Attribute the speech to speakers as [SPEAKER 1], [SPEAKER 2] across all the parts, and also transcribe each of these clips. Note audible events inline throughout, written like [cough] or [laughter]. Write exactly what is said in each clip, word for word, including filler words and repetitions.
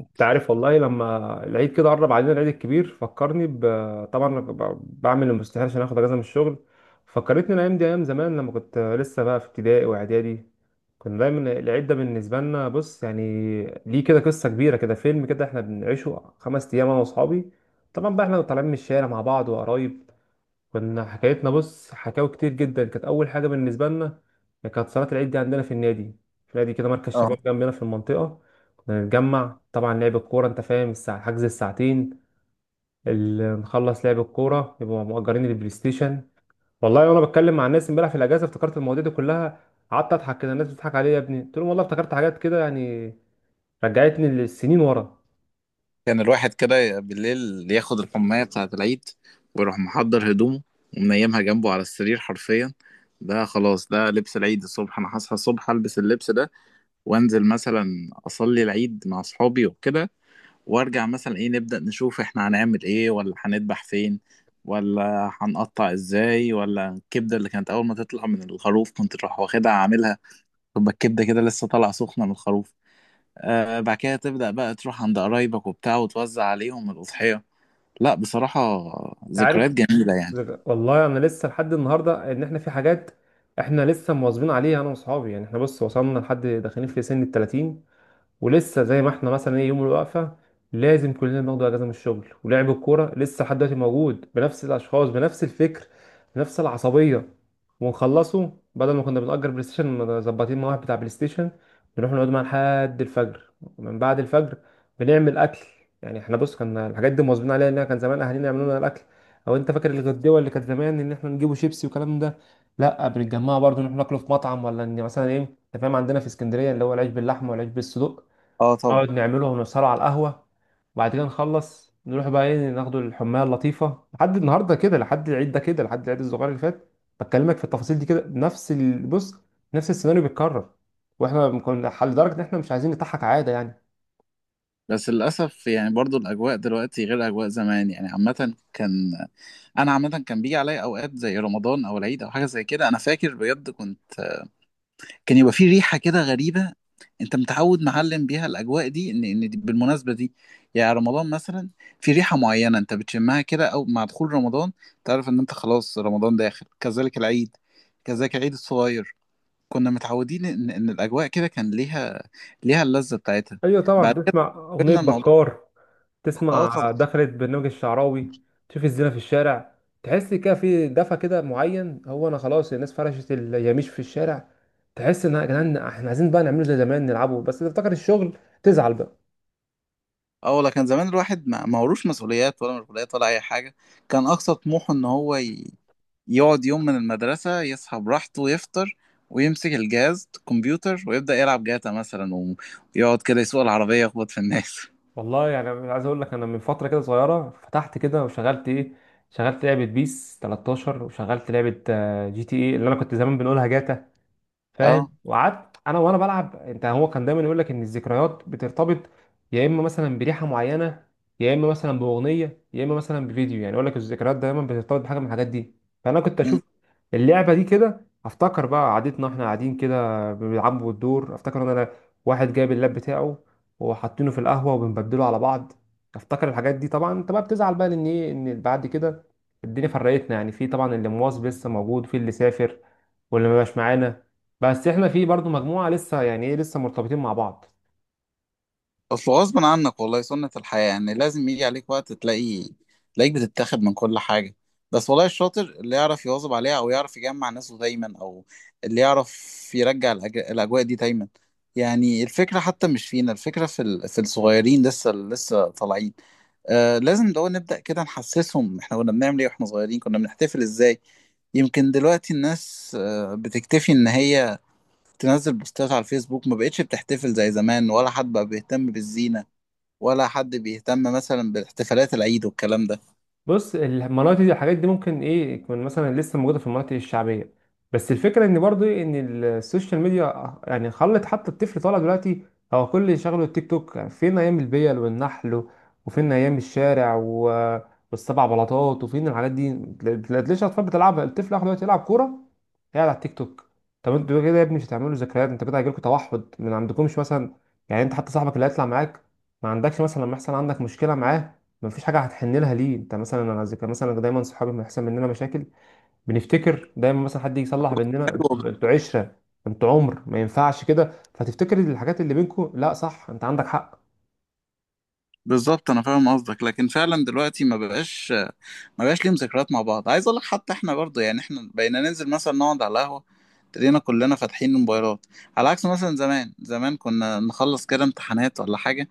[SPEAKER 1] انت عارف، والله لما العيد كده قرب علينا العيد الكبير فكرني ب... طبعا أنا ب- بعمل المستحيل عشان اخد اجازه من الشغل. فكرتني الايام دي ايام زمان لما كنت لسه بقى في ابتدائي واعدادي. كنا دايما العيد ده بالنسبه لنا، بص يعني، ليه كده قصه كبيره كده، فيلم كده احنا بنعيشه خمس ايام انا واصحابي. طبعا بقى احنا طالعين من الشارع مع بعض وقرايب. كنا حكايتنا، بص، حكاوي كتير جدا. كانت اول حاجه بالنسبه لنا كانت صلاه العيد دي عندنا في النادي، في نادي كده مركز
[SPEAKER 2] اه،
[SPEAKER 1] شباب جنبنا في المنطقه. كنا نتجمع، طبعا لعب الكوره، انت فاهم، الساعه حجز الساعتين. اللي نخلص لعب الكوره يبقوا مؤجرين البلاي ستيشن. والله وانا بتكلم مع الناس امبارح في الاجازه افتكرت المواضيع دي كلها. قعدت اضحك كده، الناس بتضحك عليا، يا ابني قلت لهم والله افتكرت حاجات كده يعني، رجعتني للسنين ورا.
[SPEAKER 2] كان الواحد كده بالليل ياخد الحماية بتاعة العيد، ويروح محضر هدومه ومنيمها جنبه على السرير حرفيا. ده خلاص ده لبس العيد، الصبح انا هصحى الصبح البس اللبس ده، وانزل مثلا اصلي العيد مع اصحابي وكده. وارجع مثلا ايه، نبدأ نشوف احنا هنعمل ايه، ولا هنذبح فين، ولا هنقطع ازاي، ولا الكبدة اللي كانت اول ما تطلع من الخروف كنت تروح واخدها عاملها، تبقى الكبدة كده لسه طالعة سخنة من الخروف. آه بعد كده تبدأ بقى تروح عند قرايبك وبتاع وتوزع عليهم الأضحية. لا بصراحة
[SPEAKER 1] انت
[SPEAKER 2] ذكريات
[SPEAKER 1] عارف،
[SPEAKER 2] جميلة يعني.
[SPEAKER 1] والله انا لسه لحد النهارده ان احنا في حاجات احنا لسه مواظبين عليها انا واصحابي. يعني احنا بص وصلنا لحد داخلين في سن ال تلاتين، ولسه زي ما احنا مثلا ايه يوم الوقفه لازم كلنا بناخد اجازه من الشغل. ولعب الكوره لسه لحد دلوقتي موجود بنفس الاشخاص بنفس الفكر بنفس العصبيه. ونخلصه بدل ما كنا بنأجر بلاي ستيشن، مظبطين مع واحد بتاع بلاي ستيشن بنروح نقعد معاه لحد الفجر. من بعد الفجر بنعمل اكل. يعني احنا بص كنا الحاجات دي مواظبين عليها. ان كان زمان اهالينا يعملوا لنا الاكل او انت فاكر الغدوه اللي كانت زمان ان احنا نجيبوا شيبسي والكلام ده، لا بنتجمع برضه نروح ناكله في مطعم ولا ان مثلا ايه، انت فاهم عندنا في اسكندريه اللي هو العيش باللحمه والعيش بالصدق.
[SPEAKER 2] اه طبعا.
[SPEAKER 1] نقعد نعملهم، نسهروا على القهوة، وبعد كده نخلص نروح بقى ايه ناخدوا الحماية اللطيفة لحد النهاردة كده، لحد العيد ده كده، لحد العيد الصغير اللي فات. بكلمك في التفاصيل دي كده، نفس ال- بص، نفس السيناريو بيتكرر. واحنا كنا لدرجة ان احنا مش عايزين نضحك عادة يعني.
[SPEAKER 2] بس للأسف يعني برضو الأجواء دلوقتي غير أجواء زمان يعني. عامة كان، أنا عامة كان بيجي عليا أوقات زي رمضان أو العيد أو حاجة زي كده. أنا فاكر بجد كنت، كان يبقى في ريحة كده غريبة. انت متعود معلم بيها الاجواء دي ان ان دي بالمناسبة دي، يعني رمضان مثلا في ريحة معينة انت بتشمها كده، او مع دخول رمضان تعرف ان انت خلاص رمضان داخل. كذلك العيد، كذلك العيد الصغير، كنا متعودين ان ان الاجواء كده كان ليها، ليها اللذة بتاعتها.
[SPEAKER 1] ايوه طبعا،
[SPEAKER 2] بعد كده
[SPEAKER 1] تسمع اغنية
[SPEAKER 2] قلنا الموضوع.
[SPEAKER 1] بكار،
[SPEAKER 2] اه
[SPEAKER 1] تسمع
[SPEAKER 2] طبعا.
[SPEAKER 1] دخلة برنامج الشعراوي، تشوف الزينة في الشارع، تحس كده في دفى كده معين. هو انا خلاص الناس فرشت اليميش في الشارع، تحس ان يا جدعان احنا عايزين بقى نعمله زي زمان نلعبه، بس تفتكر الشغل تزعل بقى.
[SPEAKER 2] اه ولا كان زمان الواحد ما ما وروش مسؤوليات ولا مشغوليات ولا اي حاجه. كان اقصى طموحه ان هو ي... يقعد يوم من المدرسة، يصحى براحته، يفطر، ويمسك الجهاز الكمبيوتر ويبدأ يلعب جاتا مثلا و- ويقعد كده يسوق العربية يخبط في الناس. [laughs]
[SPEAKER 1] والله يعني أنا عايز اقول لك انا من فتره كده صغيره فتحت كده وشغلت ايه، شغلت لعبه بيس تلتاشر، وشغلت لعبه آه، جي تي ايه اللي انا كنت زمان بنقولها جاتا، فاهم.
[SPEAKER 2] اه،
[SPEAKER 1] وقعدت انا وانا بلعب، انت هو كان دايما يقول لك ان الذكريات بترتبط يا اما مثلا بريحه معينه، يا اما مثلا باغنيه، يا اما مثلا بفيديو. يعني يقول لك الذكريات دايما بترتبط بحاجه من الحاجات دي. فانا كنت اشوف اللعبه دي كده افتكر بقى قعدتنا، احنا قاعدين كده بنلعبوا الدور، افتكر ان انا واحد جايب اللاب بتاعه وحاطينه في القهوه وبنبدله على بعض. افتكر الحاجات دي. طبعا انت بقى بتزعل بقى لان ايه ان بعد كده الدنيا فرقتنا. يعني في طبعا اللي مواظب لسه موجود، في اللي سافر، واللي ما بقاش معانا. بس احنا في برضو مجموعه لسه يعني ايه لسه مرتبطين مع بعض.
[SPEAKER 2] اصل غصب عنك والله سنة الحياة يعني. لازم يجي عليك وقت تلاقي، تلاقيك بتتاخد من كل حاجة. بس والله الشاطر اللي يعرف يواظب عليها، او يعرف يجمع ناسه دايما، او اللي يعرف يرجع الأج... الاجواء دي دايما. يعني الفكرة حتى مش فينا، الفكرة في ال... في الصغيرين لسه لسه طالعين. آه لازم لو نبدأ كده نحسسهم احنا كنا بنعمل ايه واحنا صغيرين، كنا بنحتفل ازاي. يمكن دلوقتي الناس آه بتكتفي ان هي تنزل بوستات على الفيسبوك، ما بقتش بتحتفل زي زمان، ولا حد بقى بيهتم بالزينة، ولا حد بيهتم مثلا بالاحتفالات العيد والكلام ده.
[SPEAKER 1] بص، المناطق دي الحاجات دي ممكن ايه يكون مثلا لسه موجوده في المناطق الشعبيه. بس الفكره ان برضو إيه، ان السوشيال ميديا يعني خلت حتى الطفل طالع دلوقتي هو كل اللي شغله التيك توك. يعني فين ايام البيل والنحل، وفين ايام الشارع و... والسبع بلاطات، وفين الحاجات دي؟ تلاقي- تلاقيش اطفال بتلعبها. الطفل اخر دلوقتي يلعب كوره قاعد على التيك توك. طب انتوا كده يا ابني مش هتعملوا ذكريات، انت كده هيجيلكوا توحد من عندكمش مثلا. يعني انت حتى صاحبك اللي هيطلع معاك ما عندكش مثلا لما يحصل عندك مشكله معاه ما فيش حاجه هتحن لها ليه. انت مثلا، انا ذكر مثلا دايما صحابي لما يحصل مننا مشاكل بنفتكر دايما مثلا حد يجي يصلح بيننا،
[SPEAKER 2] أيوة،
[SPEAKER 1] انتوا انتوا عشره، انتوا عمر ما ينفعش كده، فتفتكر الحاجات اللي بينكم. لا صح، انت عندك حق.
[SPEAKER 2] بالظبط. انا فاهم قصدك، لكن فعلا دلوقتي ما بقاش ما بقاش ليهم ذكريات مع بعض. عايز اقول لك حتى احنا برضه يعني احنا بقينا ننزل مثلا نقعد على القهوة، تلاقينا كلنا فاتحين الموبايلات. على عكس مثلا زمان، زمان كنا نخلص كده امتحانات ولا حاجة،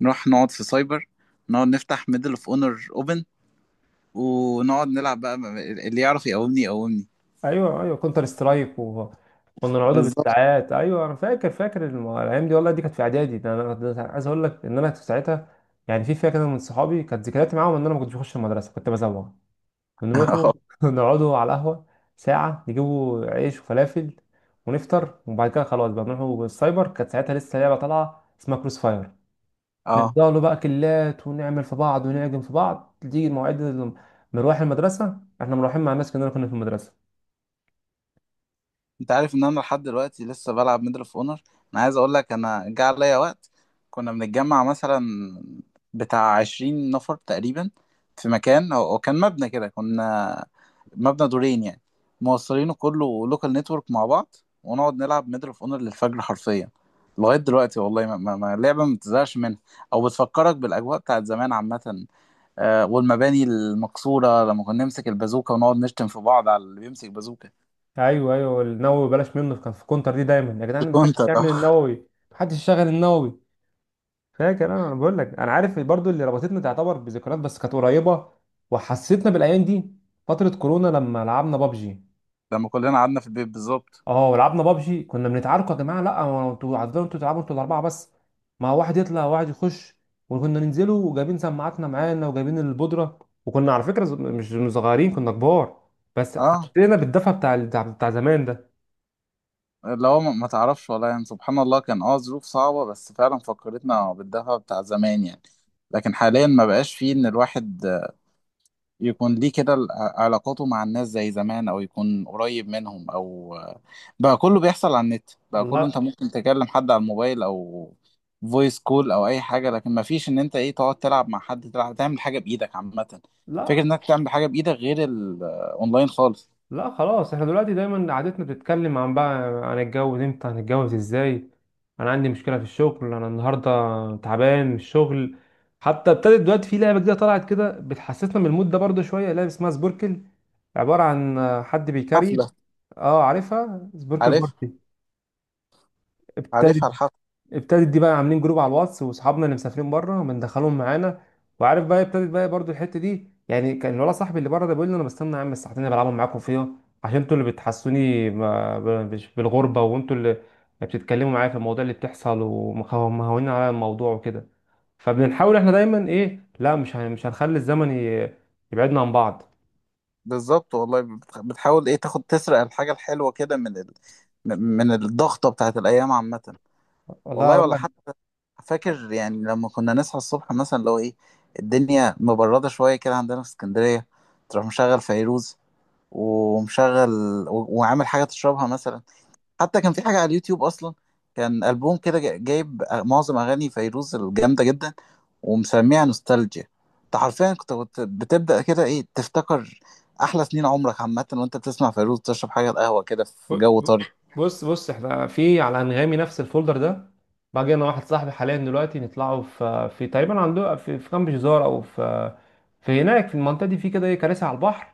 [SPEAKER 2] نروح نقعد في سايبر، نقعد نفتح ميدل اوف اونر اوبن، ونقعد نلعب بقى، اللي يعرف يقومني يقومني.
[SPEAKER 1] ايوه ايوه، كونتر سترايك، وكنا نقعدوا
[SPEAKER 2] بالظبط.
[SPEAKER 1] بالساعات. ايوه انا فاكر، فاكر الم- الايام دي والله دي كانت في اعدادي ده. انا ده أنا عايز اقول لك ان انا في ساعتها، يعني في فئه كده من صحابي، كانت ذكرياتي معاهم ان انا ما كنتش بخش المدرسه كنت بزوغ. بنروحوا
[SPEAKER 2] [laughs]
[SPEAKER 1] [laughs] نقعدوا على القهوه ساعه، نجيبوا عيش وفلافل ونفطر، وبعد كده خلاص بقى بنروحوا السايبر. كانت ساعتها لسه لعبه طالعه اسمها كروس فاير.
[SPEAKER 2] اه،
[SPEAKER 1] نفضلوا بقى كلات ونعمل في بعض ونعجن في بعض. تيجي مواعيد مروح المدرسه احنا مروحين مع الناس، كنا كنا في المدرسه.
[SPEAKER 2] انت عارف ان انا لحد دلوقتي لسه بلعب ميدل اوف اونر. انا عايز اقول لك انا جه عليا وقت كنا بنتجمع مثلا بتاع عشرين نفر تقريبا، في مكان او أو كان مبنى كده، كنا مبنى دورين يعني، موصلينه كله لوكال نتورك مع بعض، ونقعد نلعب ميدل اوف اونر للفجر حرفيا. لغايه دلوقتي والله ما, ما, ما لعبه ما بتزهقش منها، او بتفكرك بالاجواء بتاعت زمان عامه. آه والمباني المكسوره لما كنا نمسك البازوكه، ونقعد نشتم في بعض على اللي بيمسك بازوكه.
[SPEAKER 1] ايوه ايوه، النووي بلاش منه، كان في كونتر دي دايما يا جدعان ما حدش
[SPEAKER 2] كنت اه.
[SPEAKER 1] يعمل النووي، ما حدش يشغل النووي. فاكر انا، انا بقول لك انا عارف برضو اللي ربطتنا تعتبر بذكريات بس كانت قريبه. وحسيتنا بالايام دي فتره كورونا لما لعبنا بابجي.
[SPEAKER 2] لما كلنا قعدنا في البيت بالظبط.
[SPEAKER 1] اه ولعبنا بابجي، كنا بنتعاركوا يا جماعه، لا هو انتوا هتفضلوا انتوا تلعبوا انتوا الاربعه بس، ما واحد يطلع وواحد يخش. وكنا ننزلوا وجايبين سماعاتنا معانا وجايبين البودره. وكنا على فكره ز- مش مش صغيرين، كنا كبار. بس
[SPEAKER 2] اه
[SPEAKER 1] حسينا بالدفى بتاع بتاع بتاع زمان ده.
[SPEAKER 2] اللي هو ما ما تعرفش والله يعني، سبحان الله كان اه ظروف صعبة، بس فعلا فكرتنا بالدفى بتاع زمان يعني. لكن حاليا ما بقاش فيه ان الواحد يكون ليه كده ال- علاقاته مع الناس زي زمان، او يكون قريب منهم، او بقى كله بيحصل على النت. بقى كله انت
[SPEAKER 1] والله،
[SPEAKER 2] ممكن تكلم حد على الموبايل، او فويس كول، او اي حاجة. لكن ما فيش ان انت ايه تقعد تلعب مع حد، تلعب تعمل حاجة بايدك عامة. فكرة
[SPEAKER 1] لا
[SPEAKER 2] انك تعمل حاجة بايدك غير الاونلاين خالص.
[SPEAKER 1] لا، خلاص احنا دلوقتي دايما قعدتنا بتتكلم عن بقى عن الجواز امتى هنتجوز ازاي، انا عندي مشكله في الشغل، انا النهارده تعبان من الشغل. حتى ابتدت دلوقتي في لعبه جديده طلعت كده بتحسسنا من المود ده برضه شويه، لعبه اسمها سبوركل، عباره عن حد بيكاري.
[SPEAKER 2] حفلة.
[SPEAKER 1] اه عارفها، سبوركل
[SPEAKER 2] عارف.
[SPEAKER 1] بارتي. ابتدت
[SPEAKER 2] عارفها الحفر.
[SPEAKER 1] ابتدت دي بقى، عاملين جروب على الواتس واصحابنا اللي مسافرين بره بندخلهم معانا. وعارف بقى ابتدت بقى برضو الحته دي. يعني كان الولد صاحبي اللي بره ده بيقول لي انا بستنى يا عم الساعتين اللي بلعبهم معاكم فيها، عشان انتوا اللي بتحسوني ما- ب- بش- بالغربه، وانتوا اللي بتتكلموا معايا في المواضيع اللي بتحصل ومهونين على الموضوع وكده. فبنحاول احنا دايما ايه لا مش هن- مش هنخلي الزمن ي- يبعدنا عن بعض.
[SPEAKER 2] بالظبط. والله بتخ- بتحاول ايه تاخد تسرق الحاجة الحلوة كده من ال... من من الضغطة بتاعت الأيام عامة.
[SPEAKER 1] والله
[SPEAKER 2] والله
[SPEAKER 1] اقول
[SPEAKER 2] ولا
[SPEAKER 1] لك،
[SPEAKER 2] حتى. فاكر يعني لما كنا نصحى الصبح مثلا، لو ايه الدنيا مبردة شوية كده عندنا في اسكندرية، تروح مشغل فيروز، ومشغل، و... وعامل حاجة تشربها مثلا. حتى كان في حاجة على اليوتيوب أصلا، كان ألبوم كده جا- جايب معظم أغاني فيروز الجامدة جدا، ومسميها نوستالجيا. أنت حرفيا كنت كنت بتبدأ كده إيه تفتكر أحلى سنين عمرك عامة، وأنت بتسمع فيروز تشرب حاجة القهوة كده
[SPEAKER 1] ب-
[SPEAKER 2] في جو
[SPEAKER 1] ب-
[SPEAKER 2] طري.
[SPEAKER 1] بص بص، احنا في على انغامي نفس الفولدر ده. باجي انا واحد صاحبي حاليا دلوقتي نطلعوا في في تقريبا عنده في في كامب جزار، او في في هناك في المنطقه دي، في كده ايه كراسي على البحر.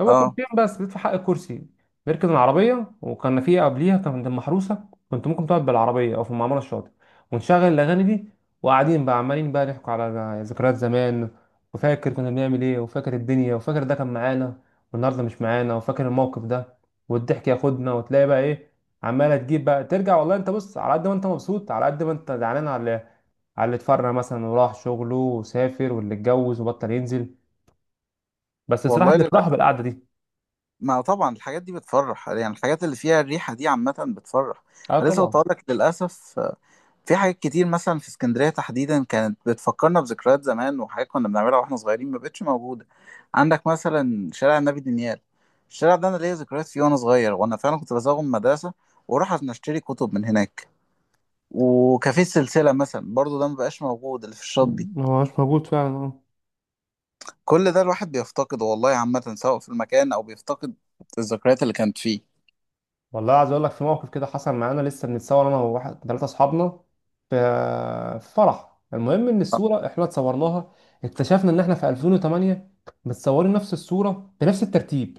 [SPEAKER 1] هو
[SPEAKER 2] أه.
[SPEAKER 1] كنتين بس بيدفع حق الكرسي، بيركن العربية. وكان في قبليها كان عند المحروسة كنت ممكن تقعد بالعربية أو في المعمرة الشاطئ. ونشغل الأغاني دي، وقاعدين بقى عمالين بقى نحكوا على ذكريات زمان، وفاكر كنا بنعمل إيه، وفاكر الدنيا، وفاكر ده كان معانا والنهاردة مش معانا، وفاكر الموقف ده والضحك ياخدنا. وتلاقي بقى إيه عمالة تجيب بقى ترجع. والله أنت بص على قد ما أنت مبسوط على قد ما أنت زعلان على على اللي اتفرق مثلا وراح شغله وسافر واللي اتجوز وبطل ينزل. بس الصراحة
[SPEAKER 2] والله
[SPEAKER 1] بنفرح
[SPEAKER 2] للأسف.
[SPEAKER 1] بالقعدة دي.
[SPEAKER 2] ما طبعا الحاجات دي بتفرح يعني، الحاجات اللي فيها الريحة دي عامة بتفرح.
[SPEAKER 1] أه
[SPEAKER 2] أنا لسه كنت
[SPEAKER 1] طبعا.
[SPEAKER 2] هقول لك، للأسف في حاجات كتير مثلا في اسكندرية تحديدا كانت بتفكرنا بذكريات زمان وحاجات كنا بنعملها واحنا صغيرين، ما بقتش موجودة. عندك مثلا شارع النبي دانيال، الشارع ده انا ليا ذكريات فيه وانا صغير، وانا فعلا كنت بزوغ من المدرسة واروح عشان اشتري كتب من هناك. وكافيه السلسلة مثلا برضو ده ما بقاش موجود، اللي في الشاطبي.
[SPEAKER 1] ما هوش موجود فعلا، اه.
[SPEAKER 2] كل ده الواحد بيفتقده والله، عامة سواء في المكان او بيفتقد الذكريات اللي كانت فيه.
[SPEAKER 1] والله عايز اقول لك في موقف كده حصل معانا لسه بنتصور انا وواحد ثلاثه اصحابنا في في فرح، المهم ان الصوره احنا اتصورناها اكتشفنا ان احنا في الفين وتمنية متصورين نفس الصوره بنفس الترتيب.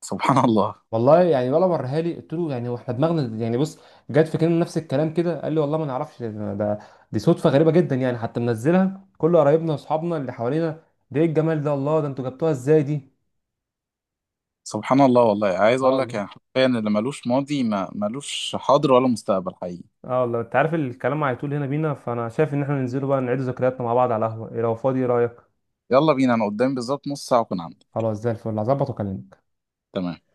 [SPEAKER 2] سبحان الله.
[SPEAKER 1] والله يعني، ولا وريها لي، قلت له يعني هو احنا دماغنا يعني بص جت في كلمه نفس الكلام كده، قال لي والله ما نعرفش، ده ده- دي صدفه غريبه جدا يعني. حتى منزلها كل قرايبنا واصحابنا اللي حوالينا، ده ايه الجمال ده، الله، ده انتوا جبتوها ازاي دي؟
[SPEAKER 2] سبحان الله والله. عايز
[SPEAKER 1] اه
[SPEAKER 2] اقول لك
[SPEAKER 1] والله.
[SPEAKER 2] يعني حرفيا اللي ملوش ماضي ما ملوش حاضر ولا مستقبل حقيقي.
[SPEAKER 1] اه والله، انت عارف الكلام هيطول هنا بينا، فانا شايف ان احنا ننزلوا بقى نعيد ذكرياتنا مع بعض على القهوة إيه، لو فاضي ايه رأيك؟
[SPEAKER 2] يلا بينا، انا قدامي بالظبط نص ساعة واكون عندك.
[SPEAKER 1] خلاص زي الفل، هظبط واكلمك.
[SPEAKER 2] تمام.